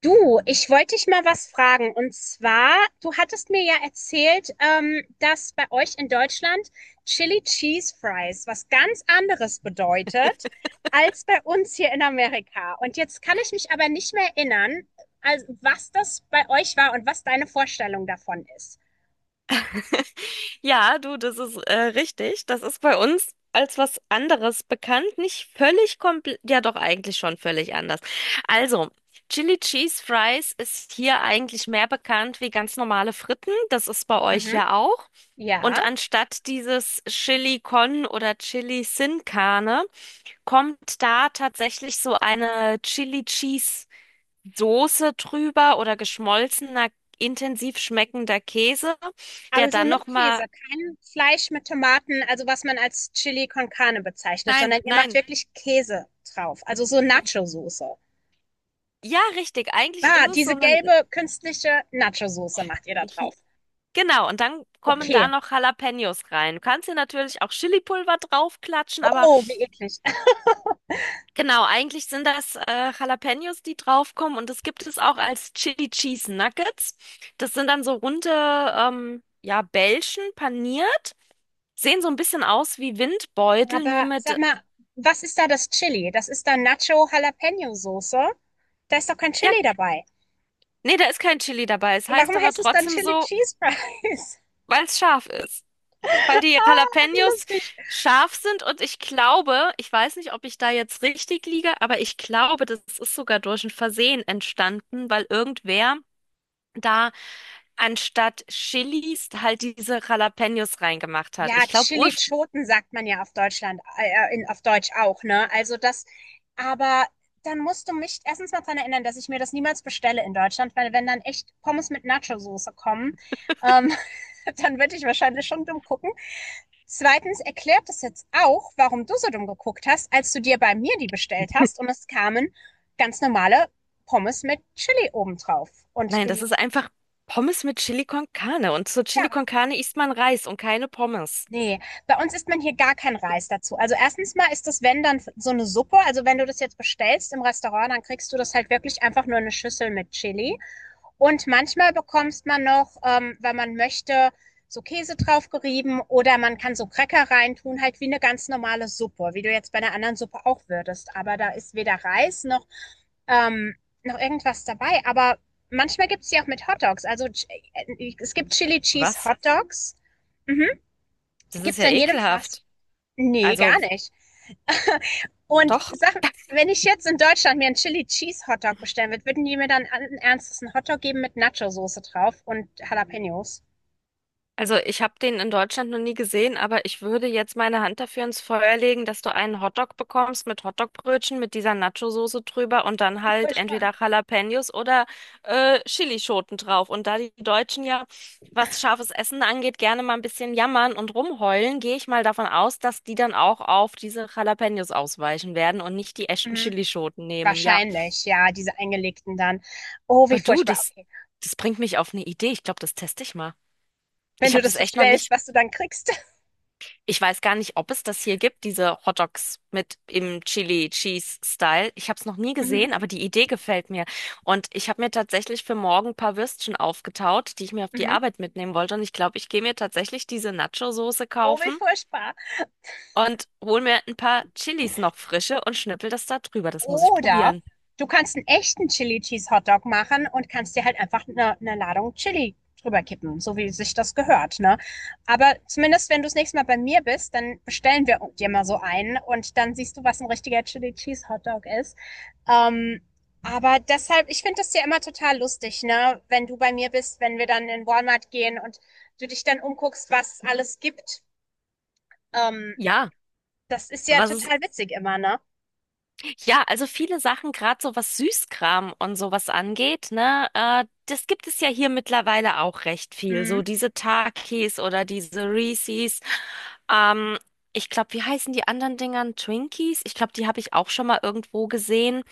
Du, ich wollte dich mal was fragen. Und zwar, du hattest mir ja erzählt, dass bei euch in Deutschland Chili Cheese Fries was ganz anderes bedeutet als bei uns hier in Amerika. Und jetzt kann ich mich aber nicht mehr erinnern, also was das bei euch war und was deine Vorstellung davon ist. Ja, du, das ist richtig. Das ist bei uns als was anderes bekannt. Nicht völlig komplett, ja doch eigentlich schon völlig anders. Also, Chili Cheese Fries ist hier eigentlich mehr bekannt wie ganz normale Fritten. Das ist bei euch Mhm. ja auch. Und Ja, anstatt dieses Chili Con oder Chili Sin Carne kommt da tatsächlich so eine Chili Cheese Soße drüber oder geschmolzener, intensiv schmeckender Käse, der also dann nur nochmal... Käse, kein Fleisch mit Tomaten, also was man als Chili con Carne bezeichnet, Nein, sondern ihr macht nein. wirklich Käse drauf, also so Nacho-Soße. Ja, richtig. Eigentlich ist Ah, es so diese ein... gelbe künstliche Nacho-Soße macht ihr da hi- drauf. Genau, und dann kommen Okay. da noch Jalapenos rein. Du kannst hier natürlich auch Chilipulver draufklatschen, aber Oh, wie eklig. genau, eigentlich sind das Jalapenos, die draufkommen. Und das gibt es auch als Chili Cheese Nuggets. Das sind dann so runde, ja, Bällchen paniert. Sehen so ein bisschen aus wie Windbeutel, nur Aber sag mit... mal, was ist da das Chili? Das ist dann Nacho-Jalapeno-Soße. Da ist doch kein Ja, Chili dabei. nee, da ist kein Chili dabei. Es heißt Warum aber heißt es dann trotzdem Chili so, Cheese Fries? weil es scharf ist. Weil die Ah, wie Jalapenos lustig. scharf sind, und ich glaube, ich weiß nicht, ob ich da jetzt richtig liege, aber ich glaube, das ist sogar durch ein Versehen entstanden, weil irgendwer da anstatt Chilis halt diese Jalapenos reingemacht hat. Ja, Ich glaube, ursprünglich, Chili-Schoten sagt man ja auf Deutschland, in, auf Deutsch auch, ne? Also das, aber dann musst du mich erstens mal daran erinnern, dass ich mir das niemals bestelle in Deutschland, weil wenn dann echt Pommes mit Nacho-Soße kommen, ähm, dann würde ich wahrscheinlich schon dumm gucken. Zweitens erklärt es jetzt auch, warum du so dumm geguckt hast, als du dir bei mir die bestellt hast und es kamen ganz normale Pommes mit Chili obendrauf. Und nein, du, das ist einfach Pommes mit Chili con Carne, und zur Chili ja. con Carne isst man Reis und keine Pommes. Ne, bei uns isst man hier gar keinen Reis dazu. Also erstens mal ist das, wenn dann so eine Suppe, also wenn du das jetzt bestellst im Restaurant, dann kriegst du das halt wirklich einfach nur eine Schüssel mit Chili. Und manchmal bekommst man noch, wenn man möchte, so Käse drauf gerieben oder man kann so Cracker reintun, halt wie eine ganz normale Suppe, wie du jetzt bei einer anderen Suppe auch würdest. Aber da ist weder Reis ähm, noch irgendwas dabei. Aber manchmal gibt's die auch mit Hotdogs. Also, Ch es gibt Chili Cheese Was? Hotdogs. Mhm. Das ist Gibt's ja an jedem Fast ekelhaft. Nee, Also gar nicht. Und doch. sag, wenn ich jetzt in Deutschland mir einen Chili Cheese Hotdog bestellen würde, würden die mir dann allen Ernstes einen Hotdog geben mit Nacho-Soße drauf und Jalapenos? Also ich habe den in Deutschland noch nie gesehen, aber ich würde jetzt meine Hand dafür ins Feuer legen, dass du einen Hotdog bekommst mit Hotdogbrötchen, mit dieser Nacho-Soße drüber und dann Wie halt furchtbar. entweder Jalapenos oder Chilischoten drauf. Und da die Deutschen ja, was scharfes Essen angeht, gerne mal ein bisschen jammern und rumheulen, gehe ich mal davon aus, dass die dann auch auf diese Jalapenos ausweichen werden und nicht die echten Mhm. Chilischoten nehmen. Ja, Wahrscheinlich, ja, diese eingelegten dann. Oh, wie aber du, furchtbar. Okay. das bringt mich auf eine Idee. Ich glaube, das teste ich mal. Wenn Ich du habe das das echt noch bestellst, nicht. was du dann kriegst. Ich weiß gar nicht, ob es das hier gibt, diese Hot Dogs mit im Chili Cheese Style. Ich habe es noch nie Mhm. gesehen, aber die Idee gefällt mir. Und ich habe mir tatsächlich für morgen ein paar Würstchen aufgetaut, die ich mir auf die Mhm. Arbeit mitnehmen wollte. Und ich glaube, ich gehe mir tatsächlich diese Nacho-Soße Oh, wie kaufen furchtbar. und hol mir ein paar Chilis noch frische und schnippel das da drüber. Das muss ich Oder probieren. du kannst einen echten Chili Cheese Hotdog machen und kannst dir halt einfach eine Ladung Chili drüber kippen, so wie sich das gehört, ne? Aber zumindest, wenn du das nächste Mal bei mir bist, dann bestellen wir dir mal so einen und dann siehst du, was ein richtiger Chili Cheese Hotdog ist. Ähm, aber deshalb, ich finde das ja immer total lustig, ne? Wenn du bei mir bist, wenn wir dann in Walmart gehen und du dich dann umguckst, was alles gibt. Ähm, Ja, Das ist ja was ist, total witzig immer, ne? ja, also viele Sachen, gerade so was Süßkram und sowas angeht, ne, das gibt es ja hier mittlerweile auch recht viel. So Mhm. diese Takis oder diese Reese's. Ähm, ich glaube, wie heißen die anderen Dingern? Twinkies? Ich glaube, die habe ich auch schon mal irgendwo gesehen.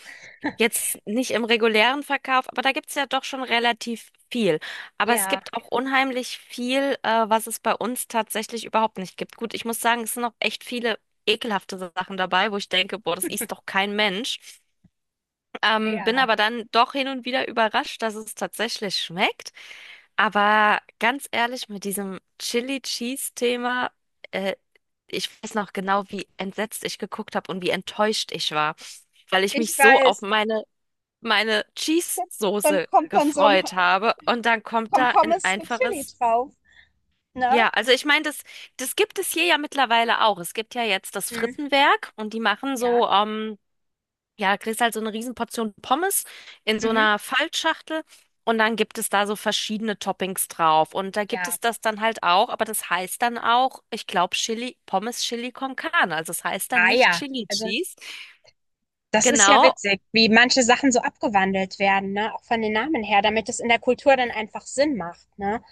Jetzt nicht im regulären Verkauf, aber da gibt's ja doch schon relativ viel. Aber es Ja, gibt auch unheimlich viel, was es bei uns tatsächlich überhaupt nicht gibt. Gut, ich muss sagen, es sind noch echt viele ekelhafte Sachen dabei, wo ich denke, boah, das isst doch kein Mensch. Bin ja. aber dann doch hin und wieder überrascht, dass es tatsächlich schmeckt. Aber ganz ehrlich, mit diesem Chili-Cheese-Thema, äh, ich weiß noch genau, wie entsetzt ich geguckt habe und wie enttäuscht ich war, weil ich mich Ich so auf weiß. meine Dann Cheese-Soße kommt dann so ein gefreut habe. Und dann kommt kommt da ein Pommes mit Chili einfaches. drauf. Ne? Ja, also ich meine, das gibt es hier ja mittlerweile auch. Es gibt ja jetzt das Mhm. Frittenwerk, und die machen Ja. so, ja, kriegst halt so eine Riesenportion Pommes in so Mhm. einer Faltschachtel. Und dann gibt es da so verschiedene Toppings drauf. Und da gibt Ja. es das dann halt auch, aber das heißt dann auch, ich glaube, Chili, Pommes Chili con Carne. Also es heißt dann Ah nicht ja. Chili Also Cheese. das ist ja Genau, witzig, wie manche Sachen so abgewandelt werden, ne? Auch von den Namen her, damit es in der Kultur dann einfach Sinn macht, ne?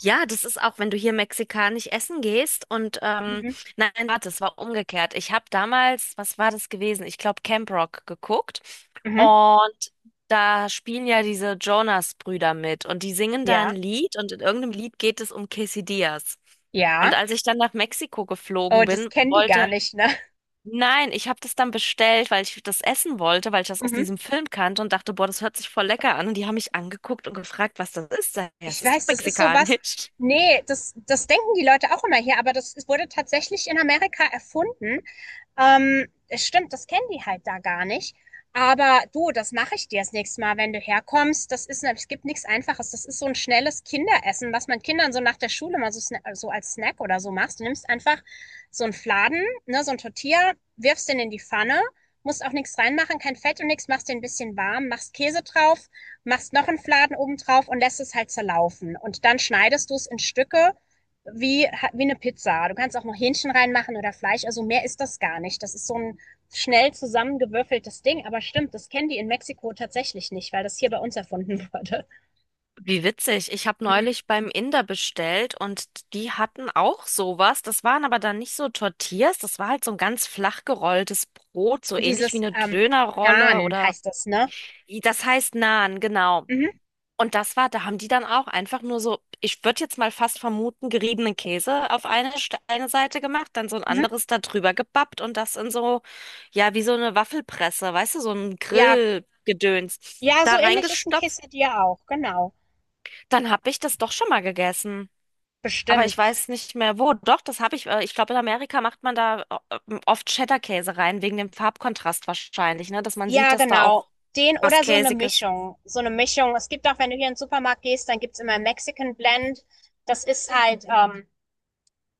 ja, das ist auch, wenn du hier mexikanisch essen gehst und Mhm. nein, warte, es war umgekehrt. Ich habe damals, was war das gewesen? Ich glaube Camp Rock geguckt, Mhm. und da spielen ja diese Jonas-Brüder mit, und die singen da ein Ja. Lied, und in irgendeinem Lied geht es um Quesadillas. Und Ja. als ich dann nach Mexiko Oh, geflogen das bin, kennen die gar wollte... nicht, ne? Nein, ich habe das dann bestellt, weil ich das essen wollte, weil ich das aus Mhm. diesem Film kannte und dachte, boah, das hört sich voll lecker an. Und die haben mich angeguckt und gefragt, was das ist. Sag ich, ja, es Ich ist doch weiß, das ist sowas. mexikanisch. Nee, das, das denken die Leute auch immer hier, aber das ist- wurde tatsächlich in Amerika erfunden. Es stimmt, das kennen die halt da gar nicht. Aber du, das mache ich dir das nächste Mal, wenn du herkommst. Das ist, es gibt nichts Einfaches. Das ist so ein schnelles Kinderessen, was man Kindern so nach der Schule mal so, so als Snack oder so machst. Du nimmst einfach so einen Fladen, ne, so ein Tortilla, wirfst den in die Pfanne, musst auch nichts reinmachen, kein Fett und nichts, machst den ein bisschen warm, machst Käse drauf, machst noch einen Fladen oben drauf und lässt es halt zerlaufen. Und dann schneidest du es in Stücke wie, wie eine Pizza. Du kannst auch noch Hähnchen reinmachen oder Fleisch. Also mehr ist das gar nicht. Das ist so ein schnell zusammengewürfeltes Ding. Aber stimmt, das kennen die in Mexiko tatsächlich nicht, weil das hier bei uns erfunden wurde. Wie witzig. Ich habe Mhm. neulich beim Inder bestellt, und die hatten auch sowas. Das waren aber dann nicht so Tortillas, das war halt so ein ganz flach gerolltes Brot, so ähnlich wie Dieses eine Dönerrolle Naan oder... heißt das, ne? Das heißt Naan, genau. Mhm. Und das war, da haben die dann auch einfach nur so, ich würde jetzt mal fast vermuten, geriebenen Käse auf eine Seite gemacht, dann so ein Mhm. anderes da drüber gebappt und das in so, ja, wie so eine Waffelpresse, weißt du, so ein Ja, Grillgedöns, ja, da so ähnlich ist ein reingestopft. Quesadilla auch, genau. Dann habe ich das doch schon mal gegessen. Aber Bestimmt. ich weiß nicht mehr wo. Doch, das habe ich. Ich glaube, in Amerika macht man da oft Cheddar-Käse rein, wegen dem Farbkontrast wahrscheinlich, ne? Dass man sieht, Ja, dass da auch genau. Den was oder so eine Käsiges. Mischung. So eine Mischung. Es gibt auch, wenn du hier in den Supermarkt gehst, dann gibt's immer Mexican Blend. Das ist halt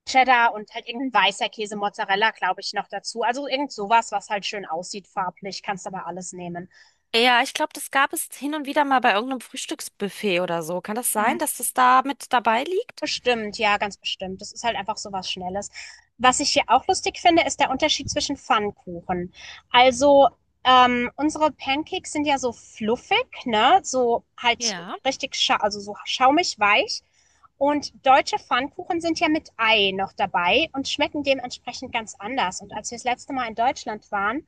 Cheddar und halt irgendein weißer Käse, Mozzarella, glaube ich, noch dazu. Also irgend sowas, was halt schön aussieht farblich. Kannst aber alles nehmen. Ja, ich glaube, das gab es hin und wieder mal bei irgendeinem Frühstücksbuffet oder so. Kann das sein, Mhm. dass das da mit dabei liegt? Bestimmt, ja, ganz bestimmt. Das ist halt einfach so was Schnelles. Was ich hier auch lustig finde, ist der Unterschied zwischen Pfannkuchen. Also, unsere Pancakes sind ja so fluffig, ne? So halt Ja, richtig, scha also so schaumig weich. Und deutsche Pfannkuchen sind ja mit Ei noch dabei und schmecken dementsprechend ganz anders. Und als wir das letzte Mal in Deutschland waren,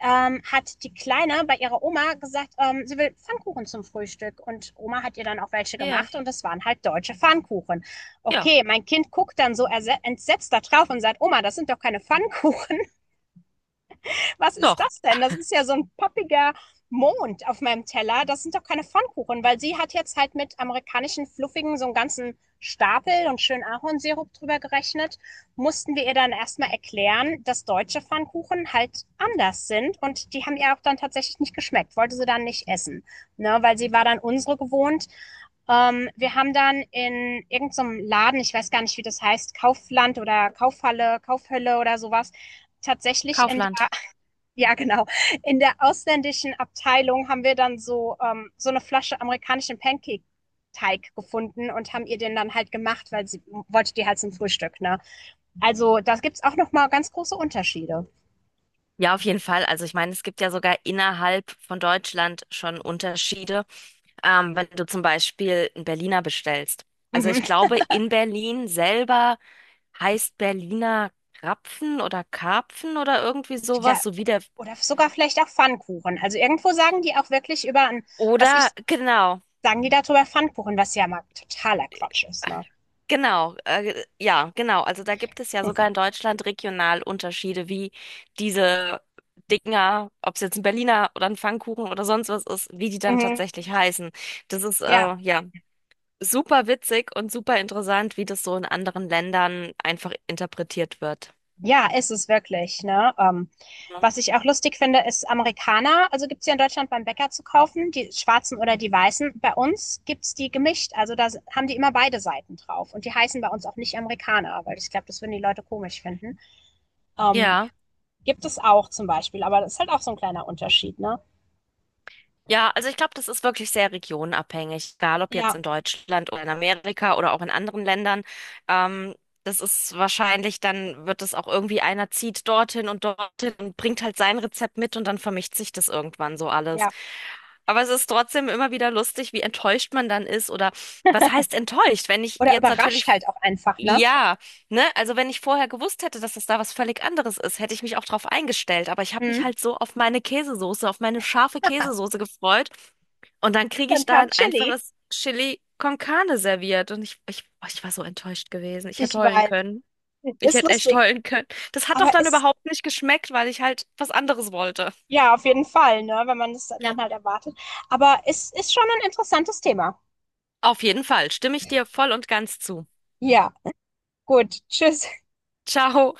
hat die Kleine bei ihrer Oma gesagt, sie will Pfannkuchen zum Frühstück. Und Oma hat ihr dann auch welche ja, gemacht und es waren halt deutsche Pfannkuchen. ja, Okay, mein Kind guckt dann so entsetzt da drauf und sagt, Oma, das sind doch keine Pfannkuchen. Was ist doch. das denn? Das ist ja so ein poppiger Mond auf meinem Teller. Das sind doch keine Pfannkuchen, weil sie hat jetzt halt mit amerikanischen Fluffigen so einen ganzen Stapel und schön Ahornsirup drüber gerechnet. Mussten wir ihr dann erstmal erklären, dass deutsche Pfannkuchen halt anders sind und die haben ihr auch dann tatsächlich nicht geschmeckt, wollte sie dann nicht essen, ne, weil sie war dann unsere gewohnt. Wir haben dann in irgendeinem Laden, ich weiß gar nicht, wie das heißt, Kaufland oder Kaufhalle, Kaufhölle oder sowas, tatsächlich in der, Kaufland. ja, genau. In der ausländischen Abteilung haben wir dann so, so eine Flasche amerikanischen Pancake-Teig gefunden und haben ihr den dann halt gemacht, weil sie wollte die halt zum Frühstück, ne? Also da gibt's auch noch mal ganz große Unterschiede. Ja, auf jeden Fall. Also ich meine, es gibt ja sogar innerhalb von Deutschland schon Unterschiede. Wenn du zum Beispiel einen Berliner bestellst. Also Mhm. ich glaube, in Berlin selber heißt Berliner Krapfen oder Karpfen oder irgendwie Ich glaub, sowas, so wie der. oder sogar vielleicht auch Pfannkuchen. Also irgendwo sagen die auch wirklich über, was ich, Oder genau, sagen die darüber Pfannkuchen, was ja mal totaler Quatsch ist, ne? genau, ja, genau. Also da gibt es ja sogar in Deutschland regional Unterschiede, wie diese Dinger, ob es jetzt ein Berliner oder ein Pfannkuchen oder sonst was ist, wie die dann Mhm. tatsächlich heißen. Das ist Ja, ja super witzig und super interessant, wie das so in anderen Ländern einfach interpretiert wird. ja, ist es wirklich, ne? Was ich auch lustig finde, ist Amerikaner. Also gibt's hier in Deutschland beim Bäcker zu kaufen, die schwarzen oder die weißen. Bei uns gibt's die gemischt. Also haben die immer beide Seiten drauf. Und die heißen bei uns auch nicht Amerikaner, weil ich glaube, das würden die Leute komisch finden. Ähm, Ja, Gibt es auch zum Beispiel, aber das ist halt auch so ein kleiner Unterschied, ne? ja, also ich glaube, das ist wirklich sehr regionabhängig, egal ob jetzt Ja, in Deutschland oder in Amerika oder auch in anderen Ländern. Ähm, das ist wahrscheinlich, dann wird es auch irgendwie einer zieht dorthin und dorthin und bringt halt sein Rezept mit, und dann vermischt sich das irgendwann so alles. ja. Aber es ist trotzdem immer wieder lustig, wie enttäuscht man dann ist oder was heißt enttäuscht? Wenn ich Oder jetzt überrascht natürlich... halt auch einfach, ne? Ja, ne, also wenn ich vorher gewusst hätte, dass das da was völlig anderes ist, hätte ich mich auch drauf eingestellt. Aber ich habe mich Hm, halt so auf meine Käsesoße, auf meine scharfe Käsesoße gefreut. Und dann kriege ich dann da kam ein Chili. einfaches Chili con Carne serviert. Und oh, ich war so enttäuscht gewesen. Ich hätte Ich heulen weiß. können. Ich Ist hätte echt lustig. heulen können. Das hat doch Aber dann ist, überhaupt nicht geschmeckt, weil ich halt was anderes wollte. ja, auf jeden Fall, ne, wenn man das Ja. dann halt erwartet. Aber es ist schon ein interessantes Thema. Auf jeden Fall stimme ich dir voll und ganz zu. Ja, gut. Tschüss. Ciao.